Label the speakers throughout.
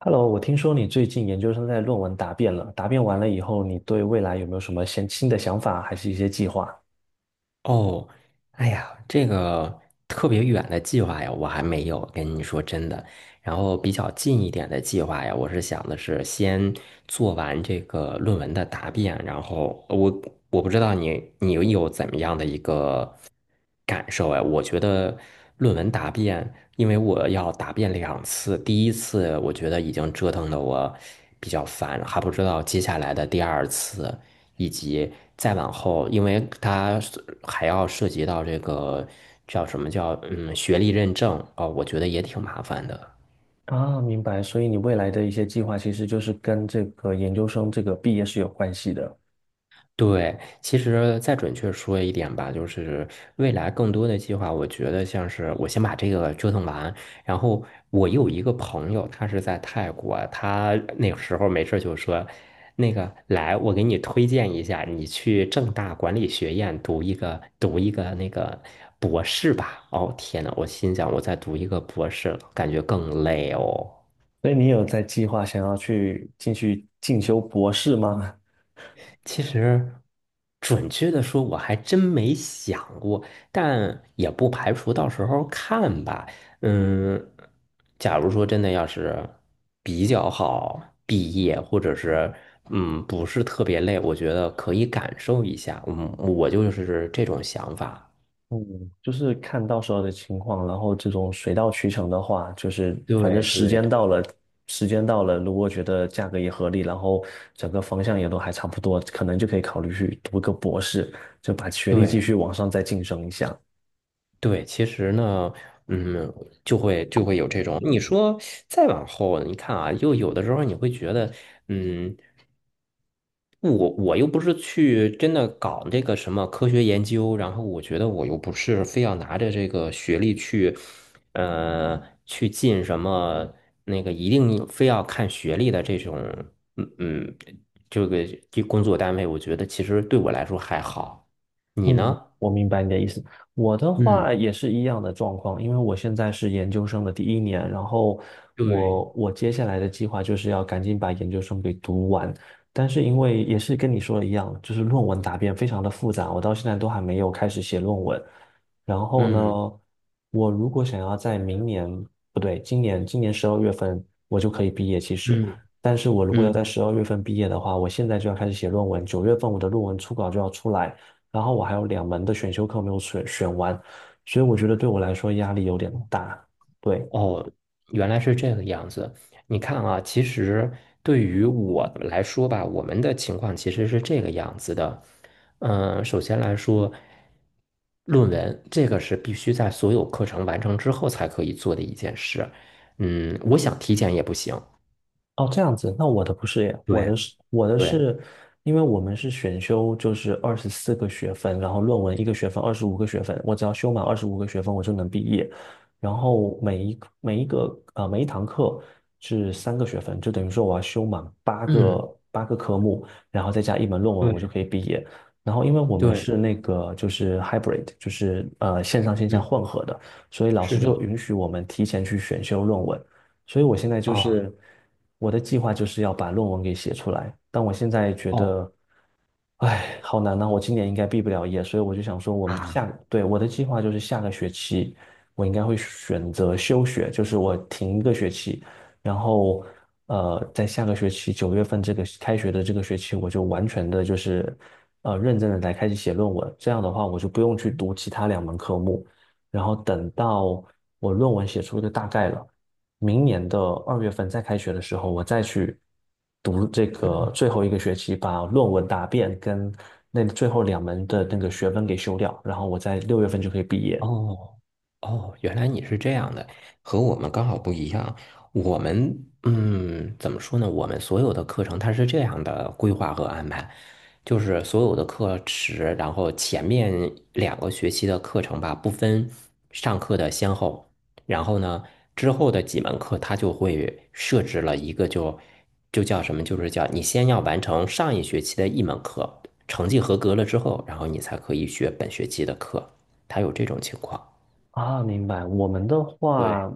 Speaker 1: Hello，我听说你最近研究生在论文答辩了，答辩完了以后，你对未来有没有什么新的想法，还是一些计划？
Speaker 2: 哦，哎呀，这个特别远的计划呀，我还没有跟你说真的。然后比较近一点的计划呀，我是想的是先做完这个论文的答辩，然后我不知道你有怎么样的一个感受哎，我觉得论文答辩，因为我要答辩两次，第一次我觉得已经折腾的我比较烦，还不知道接下来的第二次。以及再往后，因为它还要涉及到这个叫什么叫学历认证啊，我觉得也挺麻烦的。
Speaker 1: 啊，明白。所以你未来的一些计划，其实就是跟这个研究生这个毕业是有关系的。
Speaker 2: 对，其实再准确说一点吧，就是未来更多的计划，我觉得像是我先把这个折腾完，然后我有一个朋友，他是在泰国，他那个时候没事儿就说，那个来，我给你推荐一下，你去正大管理学院读一个那个博士吧。哦，天呐，我心想我再读一个博士，感觉更累哦。
Speaker 1: 所以你有在计划想要去进修博士吗？
Speaker 2: 其实，准确的说，我还真没想过，但也不排除到时候看吧。嗯，假如说真的要是比较好毕业，或者是不是特别累，我觉得可以感受一下。嗯，我就是这种想法。
Speaker 1: 嗯，就是看到时候的情况，然后这种水到渠成的话，就是反正
Speaker 2: 对
Speaker 1: 时
Speaker 2: 对
Speaker 1: 间到
Speaker 2: 对
Speaker 1: 了，时间到了，如果觉得价格也合理，然后整个方向也都还差不多，可能就可以考虑去读个博士，就把学历继
Speaker 2: 对
Speaker 1: 续往上再晋升一下。
Speaker 2: 对，其实呢，嗯，就会有这种。你说再往后，你看啊，又有的时候你会觉得，嗯。我又不是去真的搞这个什么科学研究，然后我觉得我又不是非要拿着这个学历去，呃，去进什么那个一定非要看学历的这种，嗯嗯，这个这工作单位，我觉得其实对我来说还好。你
Speaker 1: 嗯，
Speaker 2: 呢？
Speaker 1: 我明白你的意思。我的
Speaker 2: 嗯，
Speaker 1: 话也是一样的状况，因为我现在是研究生的第一年，然后我
Speaker 2: 对，
Speaker 1: 我接下来的计划就是要赶紧把研究生给读完。但是因为也是跟你说的一样，就是论文答辩非常的复杂，我到现在都还没有开始写论文。然后
Speaker 2: 嗯
Speaker 1: 呢，我如果想要在明年，不对，今年十二月份我就可以毕业，其实。
Speaker 2: 嗯
Speaker 1: 但是我如果要在
Speaker 2: 嗯
Speaker 1: 十二月份毕业的话，我现在就要开始写论文，九月份我的论文初稿就要出来。然后我还有两门的选修课没有选完，所以我觉得对我来说压力有点大。对，
Speaker 2: 哦，原来是这个样子。你看啊，其实对于我来说吧，我们的情况其实是这个样子的。首先来说，论文这个是必须在所有课程完成之后才可以做的一件事。我想提前也不行。
Speaker 1: 哦，这样子，那我的不是耶，我的
Speaker 2: 对
Speaker 1: 是我的
Speaker 2: 对
Speaker 1: 是，因为我们是选修，就是24个学分，然后论文一个学分，二十五个学分，我只要修满二十五个学分，我就能毕业。然后每一堂课是3个学分，就等于说我要修满八
Speaker 2: 嗯，
Speaker 1: 个八个科目，然后再加一门论文，我
Speaker 2: 对
Speaker 1: 就可以毕业。然后因为我们
Speaker 2: 对，
Speaker 1: 是那个就是 hybrid，就是线上线下
Speaker 2: 嗯，
Speaker 1: 混合的，所以老
Speaker 2: 是
Speaker 1: 师就
Speaker 2: 的。
Speaker 1: 允许我们提前去选修论文。所以我现在就
Speaker 2: 啊，
Speaker 1: 是我的计划就是要把论文给写出来，但我现在觉
Speaker 2: 哦
Speaker 1: 得，哎，好难呐，我今年应该毕不了业，所以我就想说，我们
Speaker 2: 啊，
Speaker 1: 下，对，我的计划就是下个学期我应该会选择休学，就是我停一个学期，然后在下个学期九月份这个开学的这个学期，我就完全的就是认真的来开始写论文，这样的话我就不用去读其他2门科目，然后等到我论文写出一个大概了。明年的二月份再开学的时候，我再去读这个最后一个学期，把论文答辩跟那最后两门的那个学分给修掉，然后我在六月份就可以毕业。
Speaker 2: 哦。哦，原来你是这样的，和我们刚好不一样。我们，怎么说呢？我们所有的课程它是这样的规划和安排，就是所有的课时，然后前面两个学期的课程吧，不分上课的先后，然后呢，之后的几门课它就会设置了一个就叫什么，就是叫你先要完成上一学期的一门课，成绩合格了之后，然后你才可以学本学期的课，它有这种情况。
Speaker 1: 啊，明白。我们的
Speaker 2: 对。
Speaker 1: 话，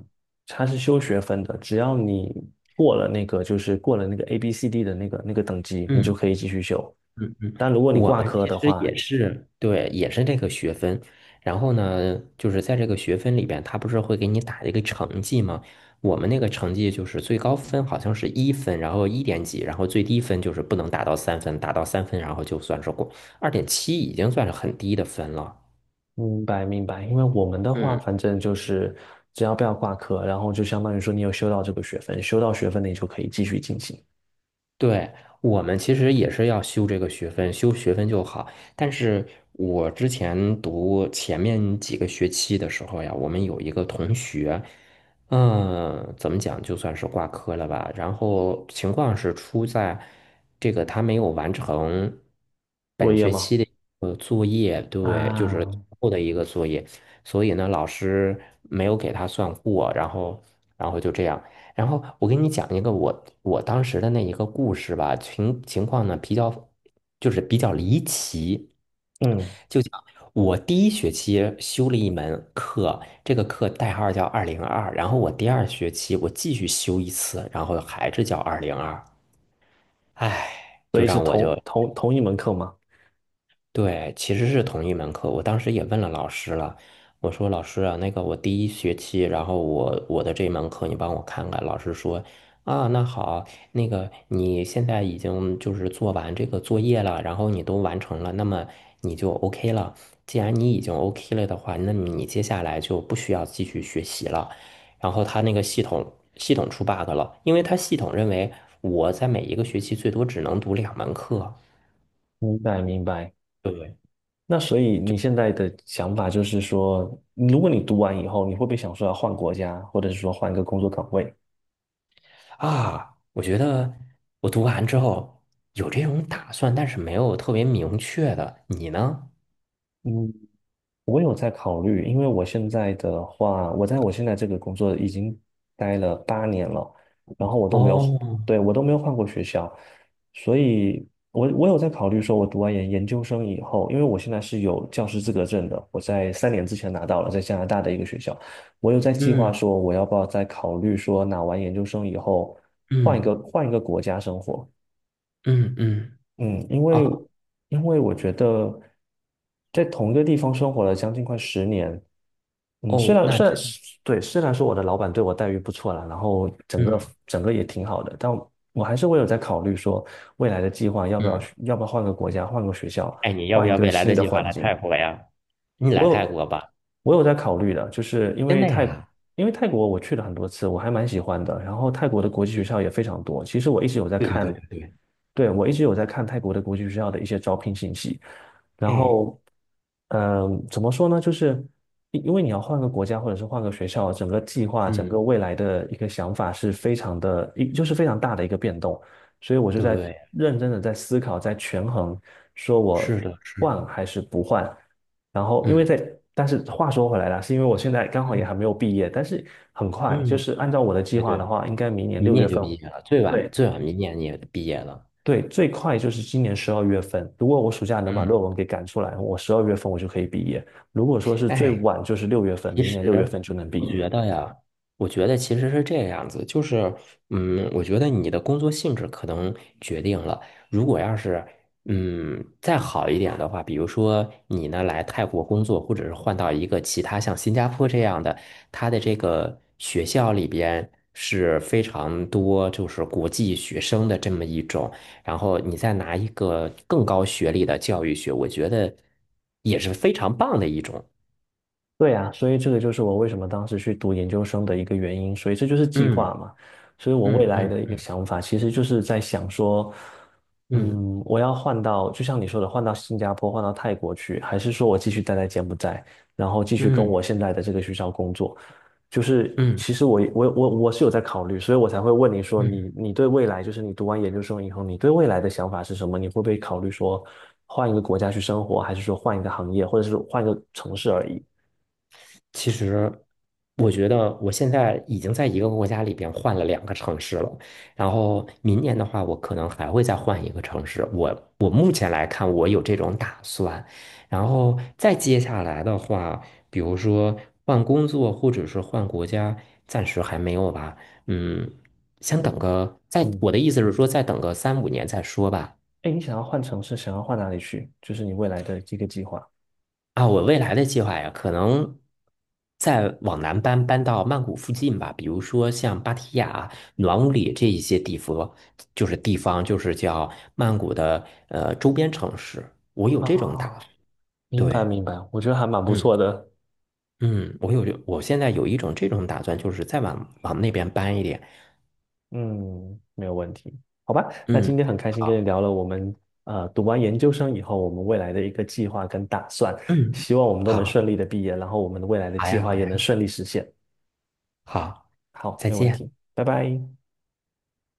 Speaker 1: 它是修学分的，只要你过了那个，就是过了那个 A B C D 的那个等级，你就
Speaker 2: 嗯
Speaker 1: 可以继续修。
Speaker 2: 嗯嗯，
Speaker 1: 但如果你
Speaker 2: 我
Speaker 1: 挂
Speaker 2: 们
Speaker 1: 科
Speaker 2: 其
Speaker 1: 的
Speaker 2: 实
Speaker 1: 话，
Speaker 2: 也是，对，也是这个学分。然后呢，就是在这个学分里边，他不是会给你打一个成绩吗？我们那个成绩就是最高分好像是1分，然后1点几，然后最低分就是不能达到三分，达到三分然后就算是过，2.7已经算是很低的分了。
Speaker 1: 明白明白，因为我们的话，
Speaker 2: 嗯。
Speaker 1: 反正就是只要不要挂科，然后就相当于说你有修到这个学分，修到学分你就可以继续进行
Speaker 2: 对，我们其实也是要修这个学分，修学分就好。但是我之前读前面几个学期的时候呀，我们有一个同学，怎么讲，就算是挂科了吧。然后情况是出在这个他没有完成
Speaker 1: 作
Speaker 2: 本
Speaker 1: 业
Speaker 2: 学
Speaker 1: 吗？
Speaker 2: 期的作业，对，就是
Speaker 1: 啊，
Speaker 2: 最后的一个作业，所以呢，老师没有给他算过，然后就这样。然后我给你讲一个我当时的那一个故事吧，情况呢比较就是比较离奇，
Speaker 1: 嗯，
Speaker 2: 就讲我第一学期修了一门课，这个课代号叫二零二，然后我第二学期我继续修一次，然后还是叫二零二，唉，
Speaker 1: 所
Speaker 2: 就
Speaker 1: 以是
Speaker 2: 让我就
Speaker 1: 同一门课吗？
Speaker 2: 对，其实是同一门课。我当时也问了老师了，我说老师啊，那个我第一学期，然后我的这门课你帮我看看。老师说啊，那好，那个你现在已经就是做完这个作业了，然后你都完成了，那么你就 OK 了。既然你已经 OK 了的话，那么你接下来就不需要继续学习了。然后他那个系统出 bug 了，因为他系统认为我在每一个学期最多只能读两门课。
Speaker 1: 明白明白。
Speaker 2: 对。不对？
Speaker 1: 那所以你现在的想法就是说，如果你读完以后，你会不会想说要换国家，或者是说换一个工作岗位？
Speaker 2: 啊，我觉得我读完之后有这种打算，但是没有特别明确的。你呢？
Speaker 1: 嗯，我有在考虑，因为我现在的话，我现在这个工作已经待了8年了，然后我都没有，
Speaker 2: 哦，
Speaker 1: 对，我都没有换过学校，所以我有在考虑说，我读完研究生以后，因为我现在是有教师资格证的，我在3年之前拿到了，在加拿大的一个学校，我有在计划
Speaker 2: 嗯
Speaker 1: 说，我要不要再考虑说，拿完研究生以后换一
Speaker 2: 嗯
Speaker 1: 个换一个国家生活，
Speaker 2: 嗯嗯，
Speaker 1: 嗯，因
Speaker 2: 啊
Speaker 1: 为因为我觉得在同一个地方生活了将近快10年，嗯，虽
Speaker 2: 哦，
Speaker 1: 然
Speaker 2: 那
Speaker 1: 虽然
Speaker 2: 真的，
Speaker 1: 对，虽然说我的老板对我待遇不错啦，然后整个
Speaker 2: 嗯
Speaker 1: 整个也挺好的，但我还是会有在考虑说未来的计划要不要
Speaker 2: 嗯，
Speaker 1: 要不要换个国家、换个学校、
Speaker 2: 哎，你要不
Speaker 1: 换一
Speaker 2: 要
Speaker 1: 个
Speaker 2: 未来
Speaker 1: 新
Speaker 2: 的
Speaker 1: 的
Speaker 2: 计划
Speaker 1: 环
Speaker 2: 来
Speaker 1: 境。
Speaker 2: 泰国呀？你
Speaker 1: 我
Speaker 2: 来泰
Speaker 1: 有
Speaker 2: 国吧，
Speaker 1: 我有在考虑的，就是
Speaker 2: 真的呀？
Speaker 1: 因为泰国我去了很多次，我还蛮喜欢的。然后泰国的国际学校也非常多，其实我一直有在
Speaker 2: 对对对
Speaker 1: 看，
Speaker 2: 对对，
Speaker 1: 对，我一直有在看泰国的国际学校的一些招聘信息。然
Speaker 2: 哎，
Speaker 1: 后，怎么说呢？就是因为你要换个国家或者是换个学校，整个计划、整个
Speaker 2: 嗯，
Speaker 1: 未来的一个想法是非常的，一就是非常大的一个变动。所以我就在
Speaker 2: 对，
Speaker 1: 认真的在思考，在权衡，说我
Speaker 2: 是的，是
Speaker 1: 换
Speaker 2: 的，
Speaker 1: 还是不换。然后因为在，
Speaker 2: 嗯
Speaker 1: 但是话说回来了，是因为我现在刚好也
Speaker 2: 嗯
Speaker 1: 还没有毕业，但是很快，就
Speaker 2: 嗯，
Speaker 1: 是按照我的计
Speaker 2: 哎
Speaker 1: 划
Speaker 2: 对
Speaker 1: 的
Speaker 2: 了，
Speaker 1: 话，应该明年
Speaker 2: 明
Speaker 1: 六月
Speaker 2: 年就
Speaker 1: 份，
Speaker 2: 毕业了，最晚
Speaker 1: 对，
Speaker 2: 最晚明年也毕业了，
Speaker 1: 对，最快就是今年十二月份。如果我暑假能把
Speaker 2: 嗯，
Speaker 1: 论文给赶出来，我十二月份我就可以毕业。如果说是最
Speaker 2: 哎。
Speaker 1: 晚就是六月份，
Speaker 2: 其
Speaker 1: 明年六月
Speaker 2: 实
Speaker 1: 份就能毕
Speaker 2: 我
Speaker 1: 业。
Speaker 2: 觉得呀，我觉得其实是这样子，就是，我觉得你的工作性质可能决定了，如果要是，再好一点的话，比如说你呢来泰国工作，或者是换到一个其他像新加坡这样的，它的这个学校里边是非常多就是国际学生的这么一种，然后你再拿一个更高学历的教育学，我觉得也是非常棒的一种。
Speaker 1: 对呀，所以这个就是我为什么当时去读研究生的一个原因，所以这就是计
Speaker 2: 嗯
Speaker 1: 划嘛。所以我未
Speaker 2: 嗯
Speaker 1: 来的一
Speaker 2: 嗯。
Speaker 1: 个想法，其实就是在想说，
Speaker 2: 嗯
Speaker 1: 嗯，我要换到，就像你说的，换到新加坡，换到泰国去，还是说我继续待在柬埔寨，然后继续跟我
Speaker 2: 嗯
Speaker 1: 现在的这个学校工作？就是
Speaker 2: 嗯
Speaker 1: 其实我是有在考虑，所以我才会问你说
Speaker 2: 嗯，
Speaker 1: 你对未来，就是你读完研究生以后，你对未来的想法是什么？你会不会考虑说换一个国家去生活，还是说换一个行业，或者是换一个城市而已？
Speaker 2: 其实我觉得我现在已经在一个国家里边换了两个城市了，然后明年的话，我可能还会再换一个城市。我目前来看，我有这种打算。然后再接下来的话，比如说换工作或者是换国家，暂时还没有吧。嗯，先等个，
Speaker 1: 嗯，
Speaker 2: 我的意思是说，再等个三五年再说吧。
Speaker 1: 哎，你想要换城市，想要换哪里去？就是你未来的一个计划。
Speaker 2: 啊，我未来的计划呀，可能再往南搬，搬到曼谷附近吧，比如说像芭提雅、暖武里这一些地方，就是地方，就是叫曼谷的周边城市。我有这种打算，
Speaker 1: 哦，明白
Speaker 2: 对，
Speaker 1: 明白，我觉得还蛮不
Speaker 2: 嗯
Speaker 1: 错的。
Speaker 2: 嗯，我现在有一种这种打算，就是再往那边搬一点。
Speaker 1: 嗯，没有问题。好吧，那今
Speaker 2: 嗯，
Speaker 1: 天很开心跟你
Speaker 2: 好，
Speaker 1: 聊了我们读完研究生以后，我们未来的一个计划跟打算，
Speaker 2: 嗯，
Speaker 1: 希望我们都能
Speaker 2: 好，
Speaker 1: 顺利的毕业，然后我们的未来的
Speaker 2: 好
Speaker 1: 计
Speaker 2: 呀，
Speaker 1: 划
Speaker 2: 好
Speaker 1: 也能
Speaker 2: 呀，
Speaker 1: 顺利实现。
Speaker 2: 好，
Speaker 1: 好，
Speaker 2: 再
Speaker 1: 没有问
Speaker 2: 见。
Speaker 1: 题，拜拜。